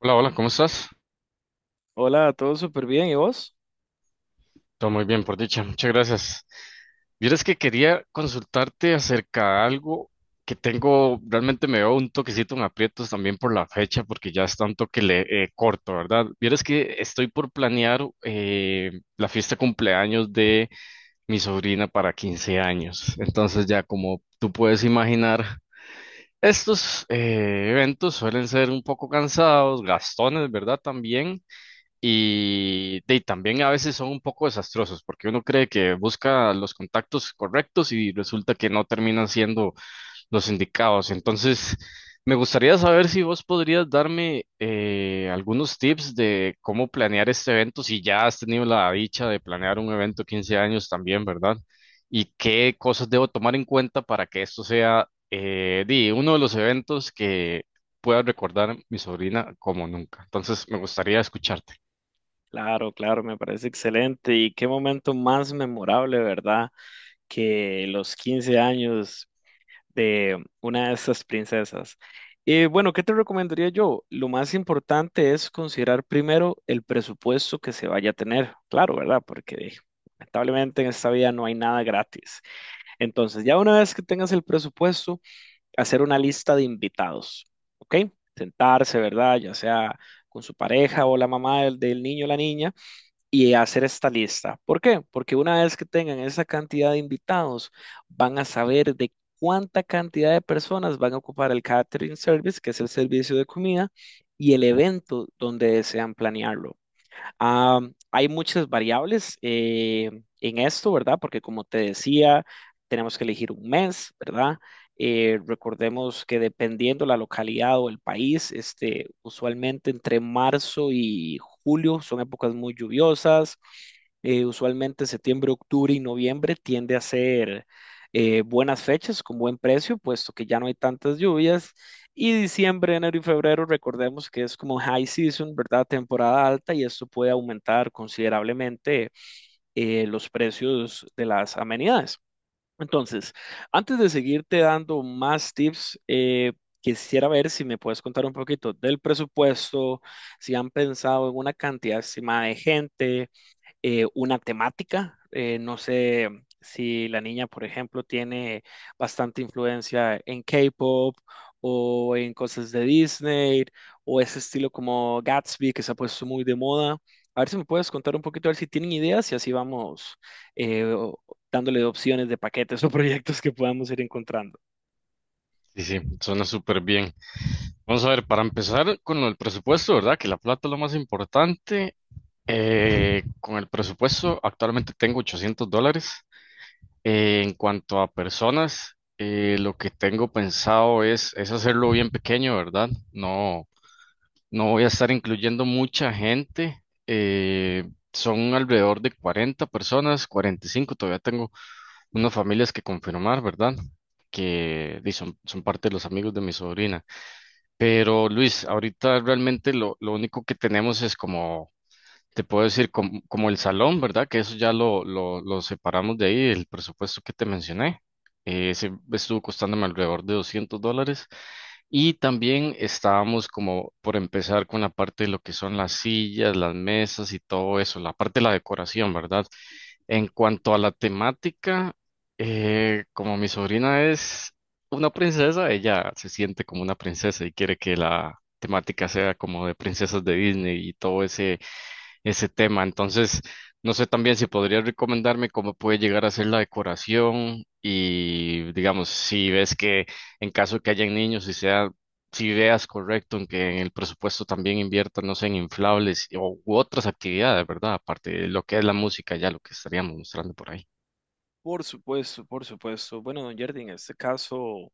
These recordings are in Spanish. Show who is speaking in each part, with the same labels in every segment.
Speaker 1: Hola, hola, ¿cómo estás?
Speaker 2: Hola, todo súper bien, ¿y vos?
Speaker 1: Todo muy bien, por dicha. Muchas gracias. Vieras que quería consultarte acerca de algo que tengo, realmente me veo un toquecito en aprietos también por la fecha, porque ya está un toque corto, ¿verdad? Vieras que estoy por planear la fiesta de cumpleaños de mi sobrina para 15 años. Entonces ya como tú puedes imaginar, estos eventos suelen ser un poco cansados, gastones, ¿verdad? También. Y también a veces son un poco desastrosos porque uno cree que busca los contactos correctos y resulta que no terminan siendo los indicados. Entonces, me gustaría saber si vos podrías darme algunos tips de cómo planear este evento, si ya has tenido la dicha de planear un evento 15 años también, ¿verdad? Y qué cosas debo tomar en cuenta para que esto sea uno de los eventos que pueda recordar mi sobrina como nunca. Entonces, me gustaría escucharte.
Speaker 2: Claro, claro, me parece excelente. Y qué momento más memorable, ¿verdad? Que los 15 años de una de estas princesas. Y bueno, ¿qué te recomendaría yo? Lo más importante es considerar primero el presupuesto que se vaya a tener. Claro, ¿verdad? Porque lamentablemente en esta vida no hay nada gratis. Entonces, ya una vez que tengas el presupuesto, hacer una lista de invitados, ¿ok? Sentarse, ¿verdad? Ya sea con su pareja o la mamá del niño o la niña y hacer esta lista. ¿Por qué? Porque una vez que tengan esa cantidad de invitados, van a saber de cuánta cantidad de personas van a ocupar el catering service, que es el servicio de comida, y el evento donde desean planearlo. Ah, hay muchas variables en esto, ¿verdad? Porque como te decía, tenemos que elegir un mes, ¿verdad? Recordemos que dependiendo la localidad o el país, este, usualmente entre marzo y julio son épocas muy lluviosas. Usualmente septiembre, octubre y noviembre tiende a ser buenas fechas con buen precio, puesto que ya no hay tantas lluvias. Y diciembre, enero y febrero, recordemos que es como high season, ¿verdad? Temporada alta y esto puede aumentar considerablemente los precios de las amenidades. Entonces, antes de seguirte dando más tips, quisiera ver si me puedes contar un poquito del presupuesto, si han pensado en una cantidad estimada de gente, una temática. No sé si la niña, por ejemplo, tiene bastante influencia en K-pop o en cosas de Disney o ese estilo como Gatsby que se ha puesto muy de moda. A ver si me puedes contar un poquito, a ver si tienen ideas y así vamos eh, o- dándole opciones de paquetes o proyectos que podamos ir encontrando.
Speaker 1: Sí, sí, suena súper bien. Vamos a ver, para empezar con el presupuesto, ¿verdad? Que la plata es lo más importante. Con el presupuesto, actualmente tengo 800 dólares. En cuanto a personas, lo que tengo pensado es hacerlo bien pequeño, ¿verdad? No, no voy a estar incluyendo mucha gente. Son alrededor de 40 personas, 45. Todavía tengo unas familias que confirmar, ¿verdad? Que di, son parte de los amigos de mi sobrina. Pero Luis, ahorita realmente lo único que tenemos es como, te puedo decir, como el salón, ¿verdad? Que eso ya lo separamos de ahí, el presupuesto que te mencioné. Ese estuvo costándome alrededor de 200 dólares. Y también estábamos como por empezar con la parte de lo que son las sillas, las mesas y todo eso, la parte de la decoración, ¿verdad? En cuanto a la temática, como mi sobrina es una princesa, ella se siente como una princesa y quiere que la temática sea como de princesas de Disney y todo ese tema. Entonces, no sé también si podrías recomendarme cómo puede llegar a ser la decoración y, digamos, si ves que en caso que hayan niños, si veas correcto en que en el presupuesto también inviertan, no sé, en inflables u otras actividades, ¿verdad? Aparte de lo que es la música, ya lo que estaríamos mostrando por ahí.
Speaker 2: Por supuesto, por supuesto. Bueno, don Jardín, en este caso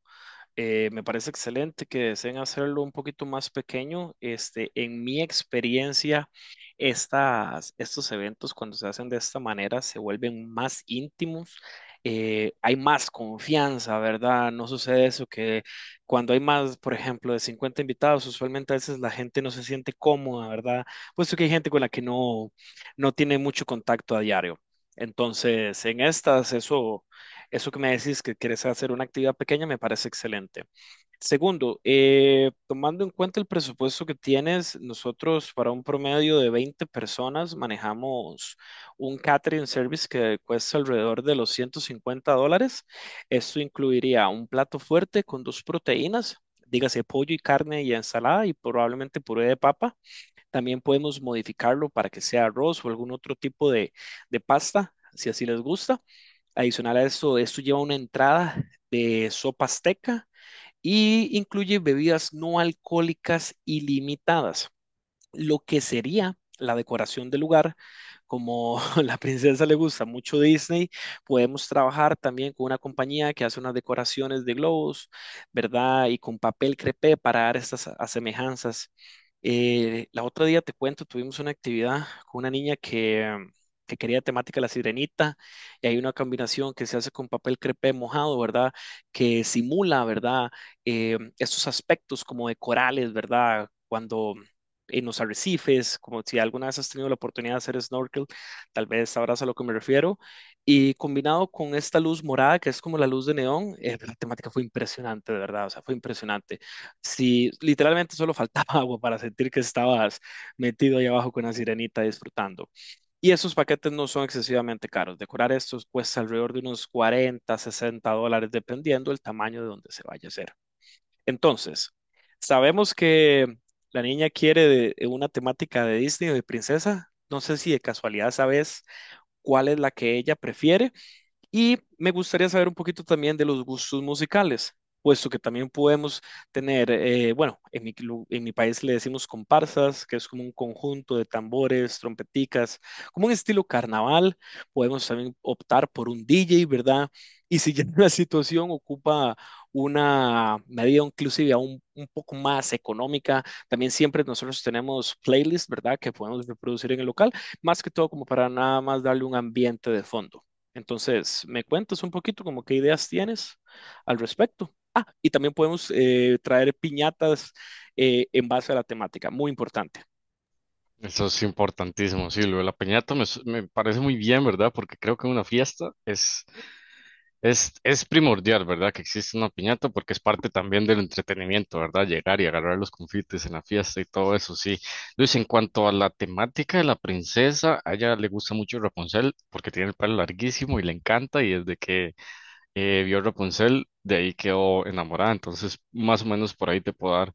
Speaker 2: Me parece excelente que deseen hacerlo un poquito más pequeño. Este, en mi experiencia, estos eventos cuando se hacen de esta manera se vuelven más íntimos. Hay más confianza, ¿verdad? No sucede eso que cuando hay más, por ejemplo, de 50 invitados, usualmente a veces la gente no se siente cómoda, ¿verdad? Puesto que hay gente con la que no tiene mucho contacto a diario. Entonces, en estas, eso que me decís que quieres hacer una actividad pequeña me parece excelente. Segundo, tomando en cuenta el presupuesto que tienes, nosotros para un promedio de 20 personas manejamos un catering service que cuesta alrededor de los $150. Esto incluiría un plato fuerte con dos proteínas, dígase pollo y carne y ensalada y probablemente puré de papa. También podemos modificarlo para que sea arroz o algún otro tipo de pasta, si así les gusta. Adicional a esto, esto lleva una entrada de sopa azteca y incluye bebidas no alcohólicas ilimitadas, lo que sería la decoración del lugar. Como a la princesa le gusta mucho Disney, podemos trabajar también con una compañía que hace unas decoraciones de globos, ¿verdad? Y con papel crepé para dar estas asemejanzas. La otra día te cuento, tuvimos una actividad con una niña que quería temática La Sirenita y hay una combinación que se hace con papel crepé mojado, ¿verdad? Que simula, ¿verdad? Estos aspectos como de corales, ¿verdad? Cuando en los arrecifes, como si alguna vez has tenido la oportunidad de hacer snorkel, tal vez sabrás a lo que me refiero, y combinado con esta luz morada, que es como la luz de neón, la temática fue impresionante, de verdad, o sea, fue impresionante. Si literalmente solo faltaba agua para sentir que estabas metido ahí abajo con una sirenita disfrutando. Y esos paquetes no son excesivamente caros, decorar estos cuesta alrededor de unos $40 a $60, dependiendo el tamaño de donde se vaya a hacer. Entonces, sabemos que la niña quiere de una temática de Disney o de princesa. No sé si de casualidad sabes cuál es la que ella prefiere. Y me gustaría saber un poquito también de los gustos musicales, puesto que también podemos tener, bueno, en mi país le decimos comparsas, que es como un conjunto de tambores, trompeticas, como un estilo carnaval. Podemos también optar por un DJ, ¿verdad? Y si ya la situación ocupa una medida inclusive aún un poco más económica, también siempre nosotros tenemos playlists, ¿verdad? Que podemos reproducir en el local, más que todo como para nada más darle un ambiente de fondo. Entonces, me cuentas un poquito como qué ideas tienes al respecto. Ah, y también podemos traer piñatas en base a la temática, muy importante.
Speaker 1: Eso es importantísimo, sí, lo de la piñata me parece muy bien, ¿verdad? Porque creo que una fiesta es es primordial, ¿verdad? Que existe una piñata porque es parte también del entretenimiento, ¿verdad? Llegar y agarrar los confites en la fiesta y todo eso, sí. Luis, en cuanto a la temática de la princesa, a ella le gusta mucho Rapunzel porque tiene el pelo larguísimo y le encanta y desde que vio Rapunzel, de ahí quedó enamorada. Entonces, más o menos por ahí te puedo dar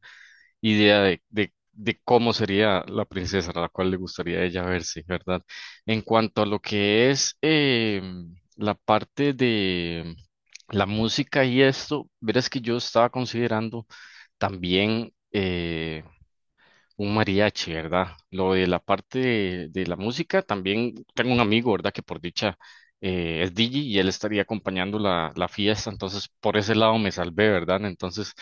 Speaker 1: idea de cómo sería la princesa a la cual le gustaría a ella verse, ¿verdad? En cuanto a lo que es la parte de la música y esto, verás que yo estaba considerando también un mariachi, ¿verdad? Lo de la parte de la música, también tengo un amigo, ¿verdad? Que por dicha es DJ y él estaría acompañando la fiesta, entonces por ese lado me salvé, ¿verdad? Entonces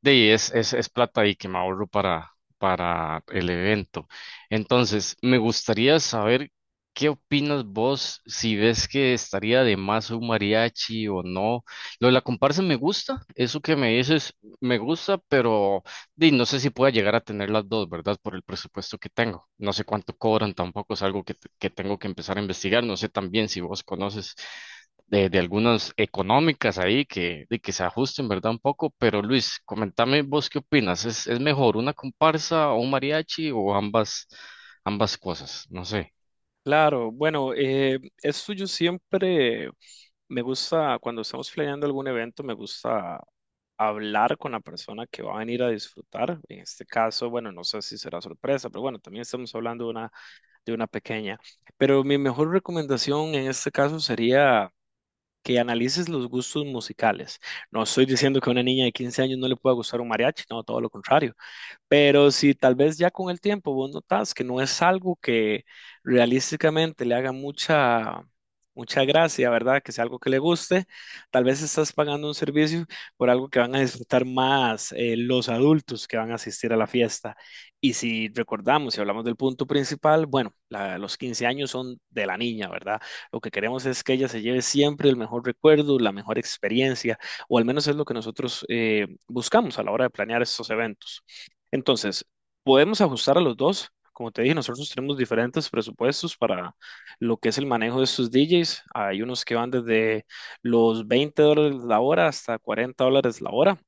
Speaker 1: de ahí es plata y que me ahorro para el evento. Entonces, me gustaría saber qué opinas vos, si ves que estaría de más un mariachi o no. Lo de la comparsa me gusta, eso que me dices me gusta, pero di, no sé si pueda llegar a tener las dos, ¿verdad? Por el presupuesto que tengo. No sé cuánto cobran, tampoco es algo que tengo que empezar a investigar. No sé también si vos conoces de algunas económicas ahí que, de que se ajusten, ¿verdad? Un poco, pero Luis, comentame vos qué opinas, ¿ es mejor una comparsa o un mariachi o ambas, ambas cosas? No sé,
Speaker 2: Claro, bueno, eso yo siempre me gusta, cuando estamos planeando algún evento, me gusta hablar con la persona que va a venir a disfrutar. En este caso, bueno, no sé si será sorpresa, pero bueno, también estamos hablando de de una pequeña. Pero mi mejor recomendación en este caso sería que analices los gustos musicales. No estoy diciendo que a una niña de 15 años no le pueda gustar un mariachi, no, todo lo contrario. Pero si tal vez ya con el tiempo vos notás que no es algo que realísticamente le haga mucha gracia, ¿verdad? Que sea algo que le guste, tal vez estás pagando un servicio por algo que van a disfrutar más los adultos que van a asistir a la fiesta. Y si recordamos, si hablamos del punto principal, bueno, los 15 años son de la niña, ¿verdad? Lo que queremos es que ella se lleve siempre el mejor recuerdo, la mejor experiencia, o al menos es lo que nosotros buscamos a la hora de planear estos eventos. Entonces, podemos ajustar a los dos. Como te dije, nosotros tenemos diferentes presupuestos para lo que es el manejo de estos DJs. Hay unos que van desde los $20 la hora hasta $40 la hora.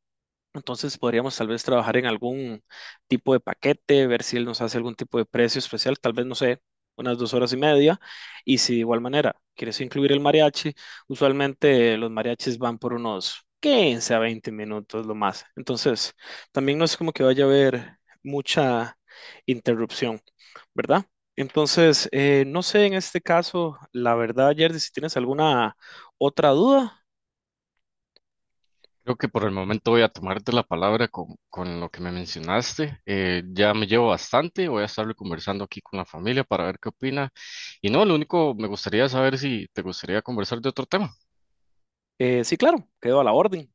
Speaker 2: Entonces podríamos tal vez trabajar en algún tipo de paquete, ver si él nos hace algún tipo de precio especial, tal vez, no sé, unas 2 horas y media. Y si de igual manera quieres incluir el mariachi, usualmente los mariachis van por unos 15 a 20 minutos lo más. Entonces, también no es como que vaya a haber mucha interrupción, ¿verdad? Entonces, no sé en este caso, la verdad, Jerdy, si tienes alguna otra duda,
Speaker 1: creo que por el momento voy a tomarte la palabra con lo que me mencionaste, ya me llevo bastante, voy a estarlo conversando aquí con la familia para ver qué opina, y no, lo único, me gustaría saber si te gustaría conversar de otro tema.
Speaker 2: sí, claro, quedo a la orden.